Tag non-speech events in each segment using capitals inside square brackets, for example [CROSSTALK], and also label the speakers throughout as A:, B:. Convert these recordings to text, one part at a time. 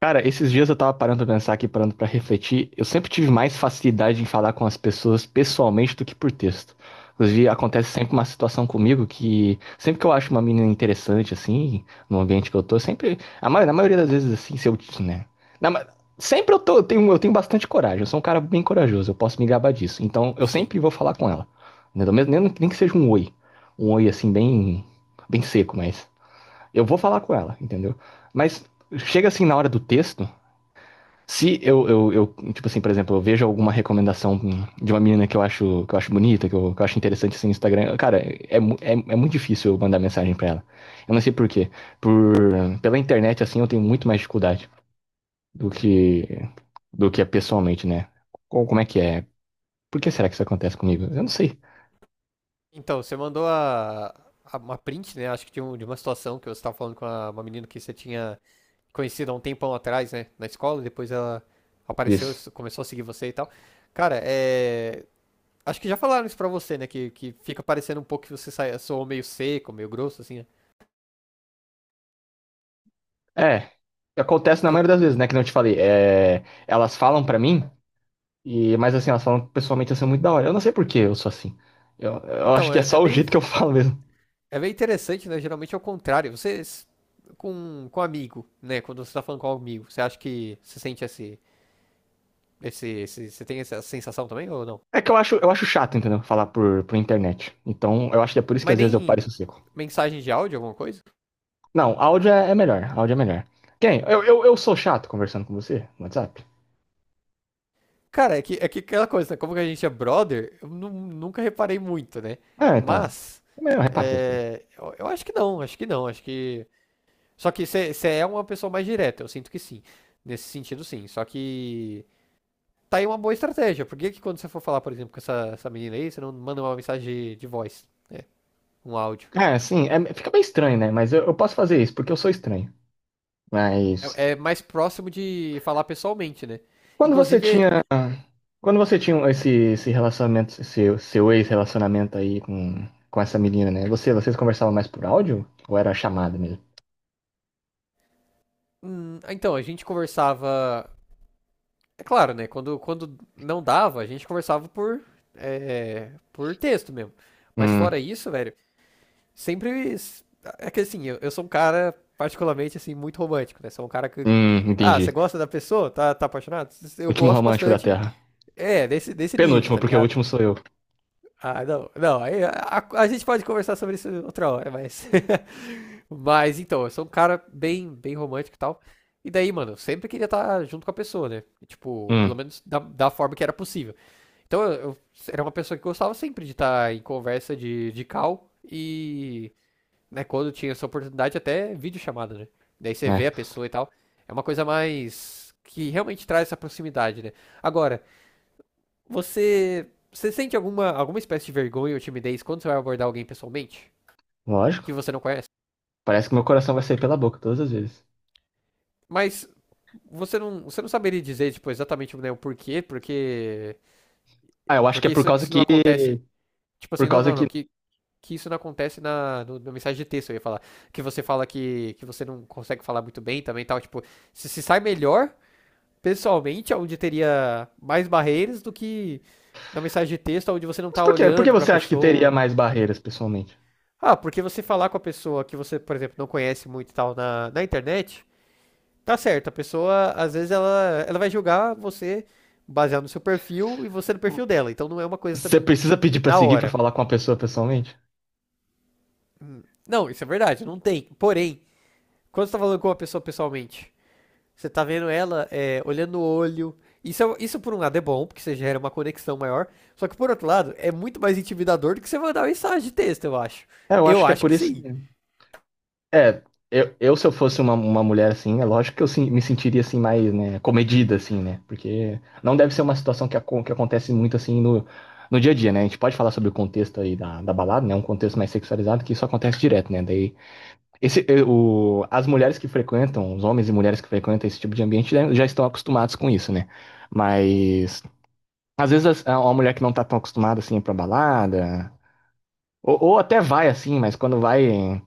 A: Cara, esses dias eu tava parando pra pensar aqui, parando pra refletir. Eu sempre tive mais facilidade em falar com as pessoas pessoalmente do que por texto. Inclusive, acontece sempre uma situação comigo que sempre que eu acho uma menina interessante, assim, no ambiente que eu tô, sempre. Na maioria das vezes, assim, se eu. Né? Na ma- sempre eu tô, eu tenho bastante coragem. Eu sou um cara bem corajoso, eu posso me gabar disso. Então, eu
B: Sim.
A: sempre vou falar com ela. Né? Do mesmo- nem que seja um oi. Um oi, assim, bem, bem seco, mas. Eu vou falar com ela, entendeu? Mas chega assim na hora do texto. Se tipo assim, por exemplo, eu vejo alguma recomendação de uma menina que eu acho bonita, que eu acho interessante assim no Instagram, cara, mu- é muito difícil eu mandar mensagem pra ela. Eu não sei por quê. Por, pela internet, assim, eu tenho muito mais dificuldade do que, do que é pessoalmente, né? Co- Como é que é? Por que será que isso acontece comigo? Eu não sei
B: Então, você mandou uma print, né? Acho que de uma situação que você estava falando com uma menina que você tinha conhecido há um tempão atrás, né? Na escola, e depois ela apareceu,
A: disso.
B: começou a seguir você e tal. Cara, é. Acho que já falaram isso pra você, né? Que fica parecendo um pouco que você soou meio seco, meio grosso, assim, né?
A: É, acontece na
B: Por-
A: maioria das vezes, né? Que não te falei. É, elas falam pra mim, e, mas assim, elas falam pessoalmente assim muito da hora. Eu não sei por que eu sou assim. Eu acho
B: Então,
A: que é
B: é
A: só o
B: meio.
A: jeito que eu falo mesmo.
B: É meio interessante, né? Geralmente é o contrário. Com um amigo, né? Quando você tá falando com um amigo, você acha que você sente esse, você tem essa sensação também ou não?
A: É que eu acho chato, entendeu? Falar por internet. Então, eu acho que é por isso que
B: Mas
A: às vezes eu
B: nem
A: pareço seco.
B: mensagem de áudio, alguma coisa?
A: Não, áudio é melhor. Áudio é melhor. Quem? Eu sou chato conversando com você no WhatsApp?
B: Cara, é que aquela coisa, né? Como que a gente é brother, eu nunca reparei muito, né?
A: Ah, então.
B: Mas,
A: Eu reparo essas coisas.
B: é, eu acho que não, acho que não, acho que... Só que você é uma pessoa mais direta, eu sinto que sim. Nesse sentido, sim. Só que tá aí uma boa estratégia. Por que que quando você for falar, por exemplo, com essa menina aí, você não manda uma mensagem de voz, né? Um áudio.
A: É, sim, é- fica bem estranho, né? Mas eu posso fazer isso, porque eu sou estranho. Mas.
B: É mais próximo de falar pessoalmente, né?
A: Quando você
B: Inclusive,
A: tinha. Quando você tinha esse, esse relacionamento, seu ex-relacionamento aí com essa menina, né? Você, vocês conversavam mais por áudio? Ou era chamada mesmo?
B: então, a gente conversava. É claro, né? Quando não dava, a gente conversava por texto mesmo. Mas fora
A: Hum,
B: isso, velho, sempre. É que assim, eu sou um cara, particularmente, assim, muito romântico, né? Sou um cara que. Ah, você
A: entendi.
B: gosta da pessoa? Tá apaixonado? Eu
A: Último
B: gosto
A: romântico da
B: bastante,
A: Terra.
B: desse nível,
A: Penúltimo,
B: tá
A: porque o
B: ligado?
A: último sou eu.
B: Ah, não, não, aí a gente pode conversar sobre isso outra hora, mas. [LAUGHS] Mas então, eu sou um cara bem, bem romântico e tal. E daí, mano, eu sempre queria estar junto com a pessoa, né? Tipo, pelo
A: Hum,
B: menos da forma que era possível. Então eu era uma pessoa que gostava sempre de estar em conversa de call e, né, quando tinha essa oportunidade, até videochamada, né? Daí você vê
A: é.
B: a pessoa e tal. É uma coisa mais que realmente traz essa proximidade, né? Agora, você, você sente alguma espécie de vergonha ou timidez quando você vai abordar alguém pessoalmente que
A: Lógico.
B: você não conhece?
A: Parece que meu coração vai sair pela boca todas as vezes.
B: Mas você não saberia dizer, tipo, exatamente, né, o porquê, porque,
A: Ah, eu acho que é
B: porque
A: por
B: isso,
A: causa
B: isso não
A: que.
B: acontece. Tipo
A: Por
B: assim, não,
A: causa
B: não, não,
A: que.
B: que isso não acontece na, no- na mensagem de texto, eu ia falar. Que você fala que você não consegue falar muito bem também e tal. Tipo, se sai melhor pessoalmente, onde teria mais barreiras do que na mensagem de texto, onde você não
A: Mas
B: tá
A: por quê? Por que
B: olhando pra
A: você acha que teria
B: pessoa.
A: mais barreiras pessoalmente?
B: Ah, porque você falar com a pessoa que você, por exemplo, não conhece muito e tal na internet, tá certo. A pessoa, às vezes, ela vai julgar você baseado no seu perfil e você no perfil dela. Então não é uma coisa
A: Você
B: também
A: precisa pedir pra
B: na
A: seguir pra
B: hora.
A: falar com a pessoa pessoalmente?
B: Não, isso é verdade, não tem. Porém, quando você tá falando com uma pessoa pessoalmente, você tá vendo olhando o olho. Isso, isso por um lado é bom, porque você gera uma conexão maior. Só que por outro lado, é muito mais intimidador do que você mandar mensagem de texto, eu acho.
A: É, eu
B: Eu
A: acho que é
B: acho
A: por
B: que
A: isso.
B: sim.
A: Mesmo. É, eu se eu fosse uma mulher assim, é lógico que eu sim- me sentiria assim mais, né, comedida assim, né? Porque não deve ser uma situação que, acon- que acontece muito assim no, no dia a dia, né? A gente pode falar sobre o contexto aí da, da balada, né? Um contexto mais sexualizado que isso acontece direto, né? Daí esse, o, as mulheres que frequentam, os homens e mulheres que frequentam esse tipo de ambiente já estão acostumados com isso, né? Mas às vezes as- a- uma mulher que não tá tão acostumada assim é pra balada, ou até vai assim, mas quando vai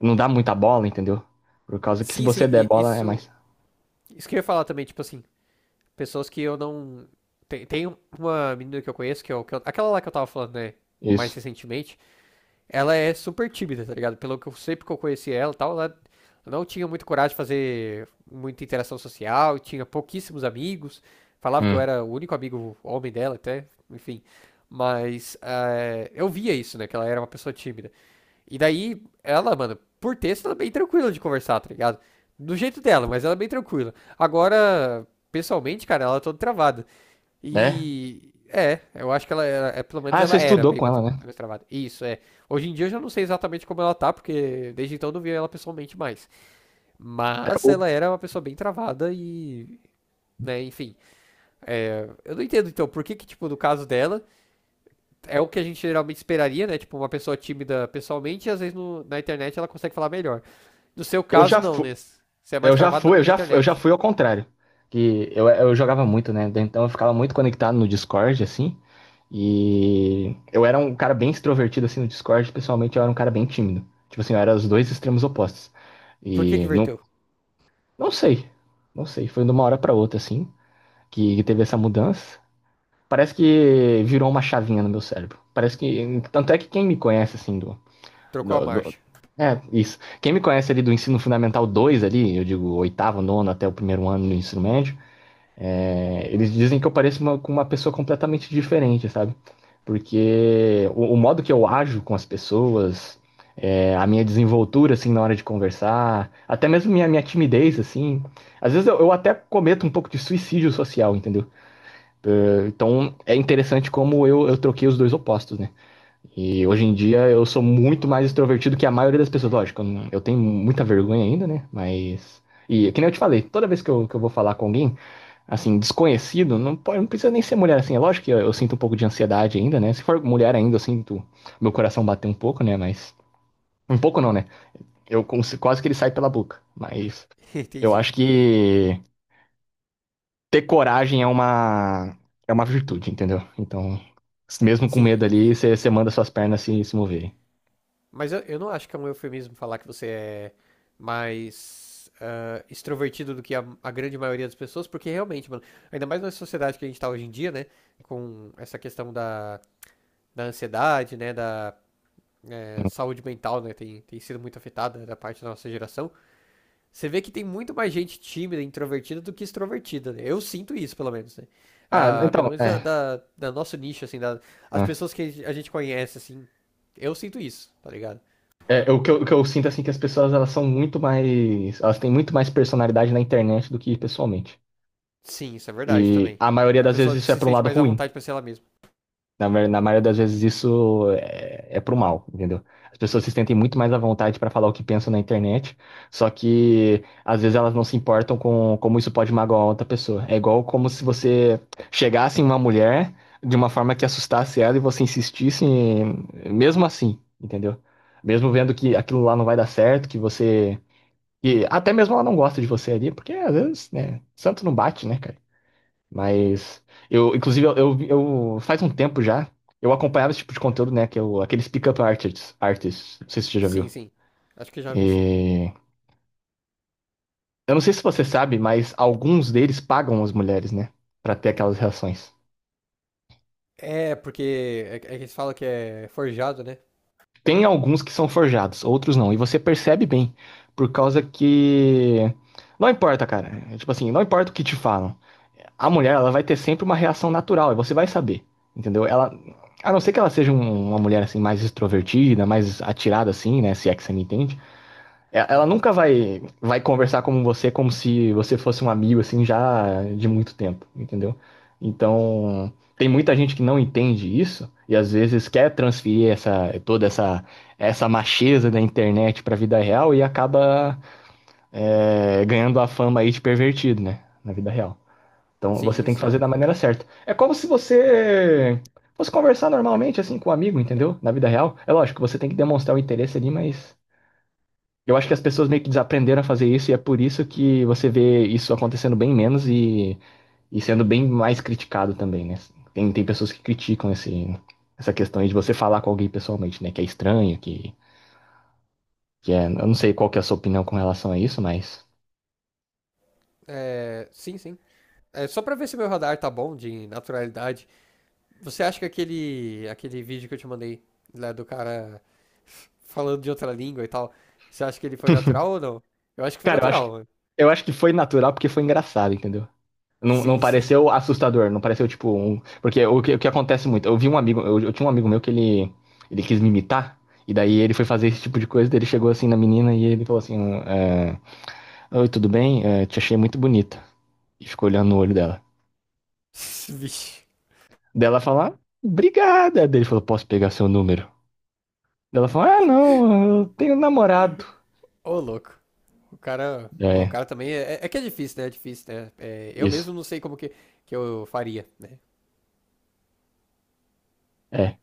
A: não dá muita bola, entendeu? Por causa que se
B: Sim, sim,
A: você der bola é
B: isso.
A: mais.
B: Isso que eu ia falar também, tipo assim, pessoas que eu não. Tem uma menina que eu conheço, aquela lá que eu tava falando, né? Mais
A: Isso.
B: recentemente ela é super tímida, tá ligado? Pelo que eu sempre que eu conheci ela e tal, ela não tinha muito coragem de fazer muita interação social, tinha pouquíssimos amigos, falava que eu
A: Hum.
B: era o único amigo homem dela até, enfim. Mas eu via isso, né? Que ela era uma pessoa tímida. E daí, ela, mano, por texto, ela é bem tranquila de conversar, tá ligado? Do jeito dela, mas ela é bem tranquila. Agora, pessoalmente, cara, ela é toda travada.
A: É?
B: E eu acho que ela era, pelo menos
A: Ah, você
B: ela era
A: estudou
B: bem
A: com
B: mais,
A: ela, né?
B: mais travada. Isso, é. Hoje em dia eu já não sei exatamente como ela tá, porque desde então eu não vi ela pessoalmente mais.
A: É,
B: Mas
A: o-
B: ela era uma pessoa bem travada e, né, enfim. É, eu não entendo então por que que, tipo, no caso dela, é o que a gente geralmente esperaria, né? Tipo, uma pessoa tímida pessoalmente e às vezes na internet ela consegue falar melhor. No seu
A: Eu
B: caso,
A: já
B: não,
A: fui,
B: né? Você é mais travado na, na
A: fu- eu já
B: internet.
A: fui ao contrário. Que eu jogava muito, né? Então eu ficava muito conectado no Discord, assim. E eu era um cara bem extrovertido assim no Discord, pessoalmente eu era um cara bem tímido. Tipo assim, eu era os dois extremos opostos.
B: E por que que
A: E não,
B: inverteu?
A: não sei, não sei, foi de uma hora pra outra assim que teve essa mudança. Parece que virou uma chavinha no meu cérebro. Parece que tanto é que quem me conhece assim do,
B: Trocou a
A: do, do-
B: marcha.
A: é, isso. Quem me conhece ali do ensino fundamental 2 ali, eu digo oitavo, nono até o primeiro ano do ensino médio, é, eles dizem que eu pareço uma- com uma pessoa completamente diferente, sabe? Porque o modo que eu ajo com as pessoas, é, a minha desenvoltura, assim, na hora de conversar, até mesmo minha, minha timidez, assim. Às vezes eu até cometo um pouco de suicídio social, entendeu? É, então é interessante como eu troquei os dois opostos, né? E hoje em dia eu sou muito mais extrovertido que a maioria das pessoas. Lógico, eu não- eu tenho muita vergonha ainda, né? Mas. E que nem eu te falei, toda vez que que eu vou falar com alguém assim, desconhecido, não pode, não precisa nem ser mulher assim. É lógico que eu sinto um pouco de ansiedade ainda, né? Se for mulher ainda, eu sinto meu coração bater um pouco, né? Mas. Um pouco não, né? Eu cons- quase que ele sai pela boca. Mas
B: [LAUGHS]
A: eu
B: Entendi.
A: acho que ter coragem é uma virtude, entendeu? Então, mesmo com
B: Sim,
A: medo ali, você manda suas pernas se moverem.
B: mas eu não acho que é um eufemismo falar que você é mais extrovertido do que a grande maioria das pessoas, porque realmente, mano, ainda mais na sociedade que a gente tá hoje em dia, né? Com essa questão da ansiedade, né? Da saúde mental, né? Tem sido muito afetada da parte da nossa geração. Você vê que tem muito mais gente tímida, introvertida do que extrovertida, né? Eu sinto isso, pelo menos, né?
A: Ah,
B: Ah, pelo
A: então,
B: menos da,
A: é.
B: da, da nosso nicho, assim, da, as
A: É.
B: pessoas que a gente conhece, assim, eu sinto isso, tá ligado?
A: É, o que eu sinto assim que as pessoas elas são muito mais, elas têm muito mais personalidade na internet do que pessoalmente.
B: Sim, isso é verdade
A: E
B: também.
A: a maioria
B: A
A: das
B: pessoa
A: vezes isso é
B: se
A: para um
B: sente
A: lado
B: mais à
A: ruim.
B: vontade pra ser ela mesma.
A: Na, ma- na maioria das vezes isso é, é pro mal, entendeu? As pessoas se sentem muito mais à vontade para falar o que pensam na internet, só que às vezes elas não se importam com como isso pode magoar outra pessoa. É igual como se você chegasse em uma mulher de uma forma que assustasse ela e você insistisse em- mesmo assim, entendeu? Mesmo vendo que aquilo lá não vai dar certo, que você. E até mesmo ela não gosta de você ali, porque às vezes, né, santo não bate, né, cara? Mas eu, inclusive, eu- faz um tempo já, eu acompanhava esse tipo de conteúdo, né? Que é o- aqueles pick artists, artists, não sei se você já
B: Sim,
A: viu.
B: sim. Acho que já vi, sim.
A: E eu não sei se você sabe, mas alguns deles pagam as mulheres, né? Pra ter aquelas reações.
B: É, porque é que eles falam que é forjado, né?
A: Tem alguns que são forjados, outros não. E você percebe bem, por causa que não importa, cara. É tipo assim, não importa o que te falam. A mulher, ela vai ter sempre uma reação natural, e você vai saber, entendeu? Ela, a não ser que ela seja um- uma mulher assim mais extrovertida, mais atirada assim, né, se é que você me entende, e- ela
B: Uhum.
A: nunca vai conversar com você como se você fosse um amigo assim já de muito tempo, entendeu? Então, tem muita gente que não entende isso e às vezes quer transferir essa toda essa essa macheza da internet pra vida real e acaba ganhando a fama aí de pervertido, né, na vida real. Então você
B: Sim,
A: tem que
B: sim.
A: fazer da maneira certa. É como se você fosse conversar normalmente, assim, com um amigo, entendeu? Na vida real. É lógico, você tem que demonstrar o interesse ali, mas eu acho que as pessoas meio que desaprenderam a fazer isso e é por isso que você vê isso acontecendo bem menos e sendo bem mais criticado também, né? Tem pessoas que criticam esse, essa questão aí de você falar com alguém pessoalmente, né? Que é estranho, que é. Eu não sei qual que é a sua opinião com relação a isso, mas.
B: É, sim, sim. É, só pra ver se meu radar tá bom de naturalidade. Você acha que aquele vídeo que eu te mandei, lá do cara falando de outra língua e tal, você acha que ele foi natural ou não? Eu acho que foi
A: Cara,
B: natural, mano.
A: eu acho que foi natural porque foi engraçado, entendeu? Não,
B: Sim,
A: não
B: sim.
A: pareceu assustador, não pareceu tipo um. Porque o que acontece muito, eu vi um amigo, eu tinha um amigo meu que ele quis me imitar, e daí ele foi fazer esse tipo de coisa, daí ele chegou assim na menina e ele falou assim: é, oi, tudo bem? É, te achei muito bonita. E ficou olhando no olho dela.
B: [LAUGHS] Vixe.
A: Dela fala, "Ah, obrigada." Daí ele falou, posso pegar seu número? Daí ela falou, ah, não, eu tenho namorado.
B: Ô, louco. O cara, o
A: É,
B: cara também é que é difícil, né? É difícil, né? É, eu mesmo
A: isso.
B: não sei como que eu faria, né?
A: É.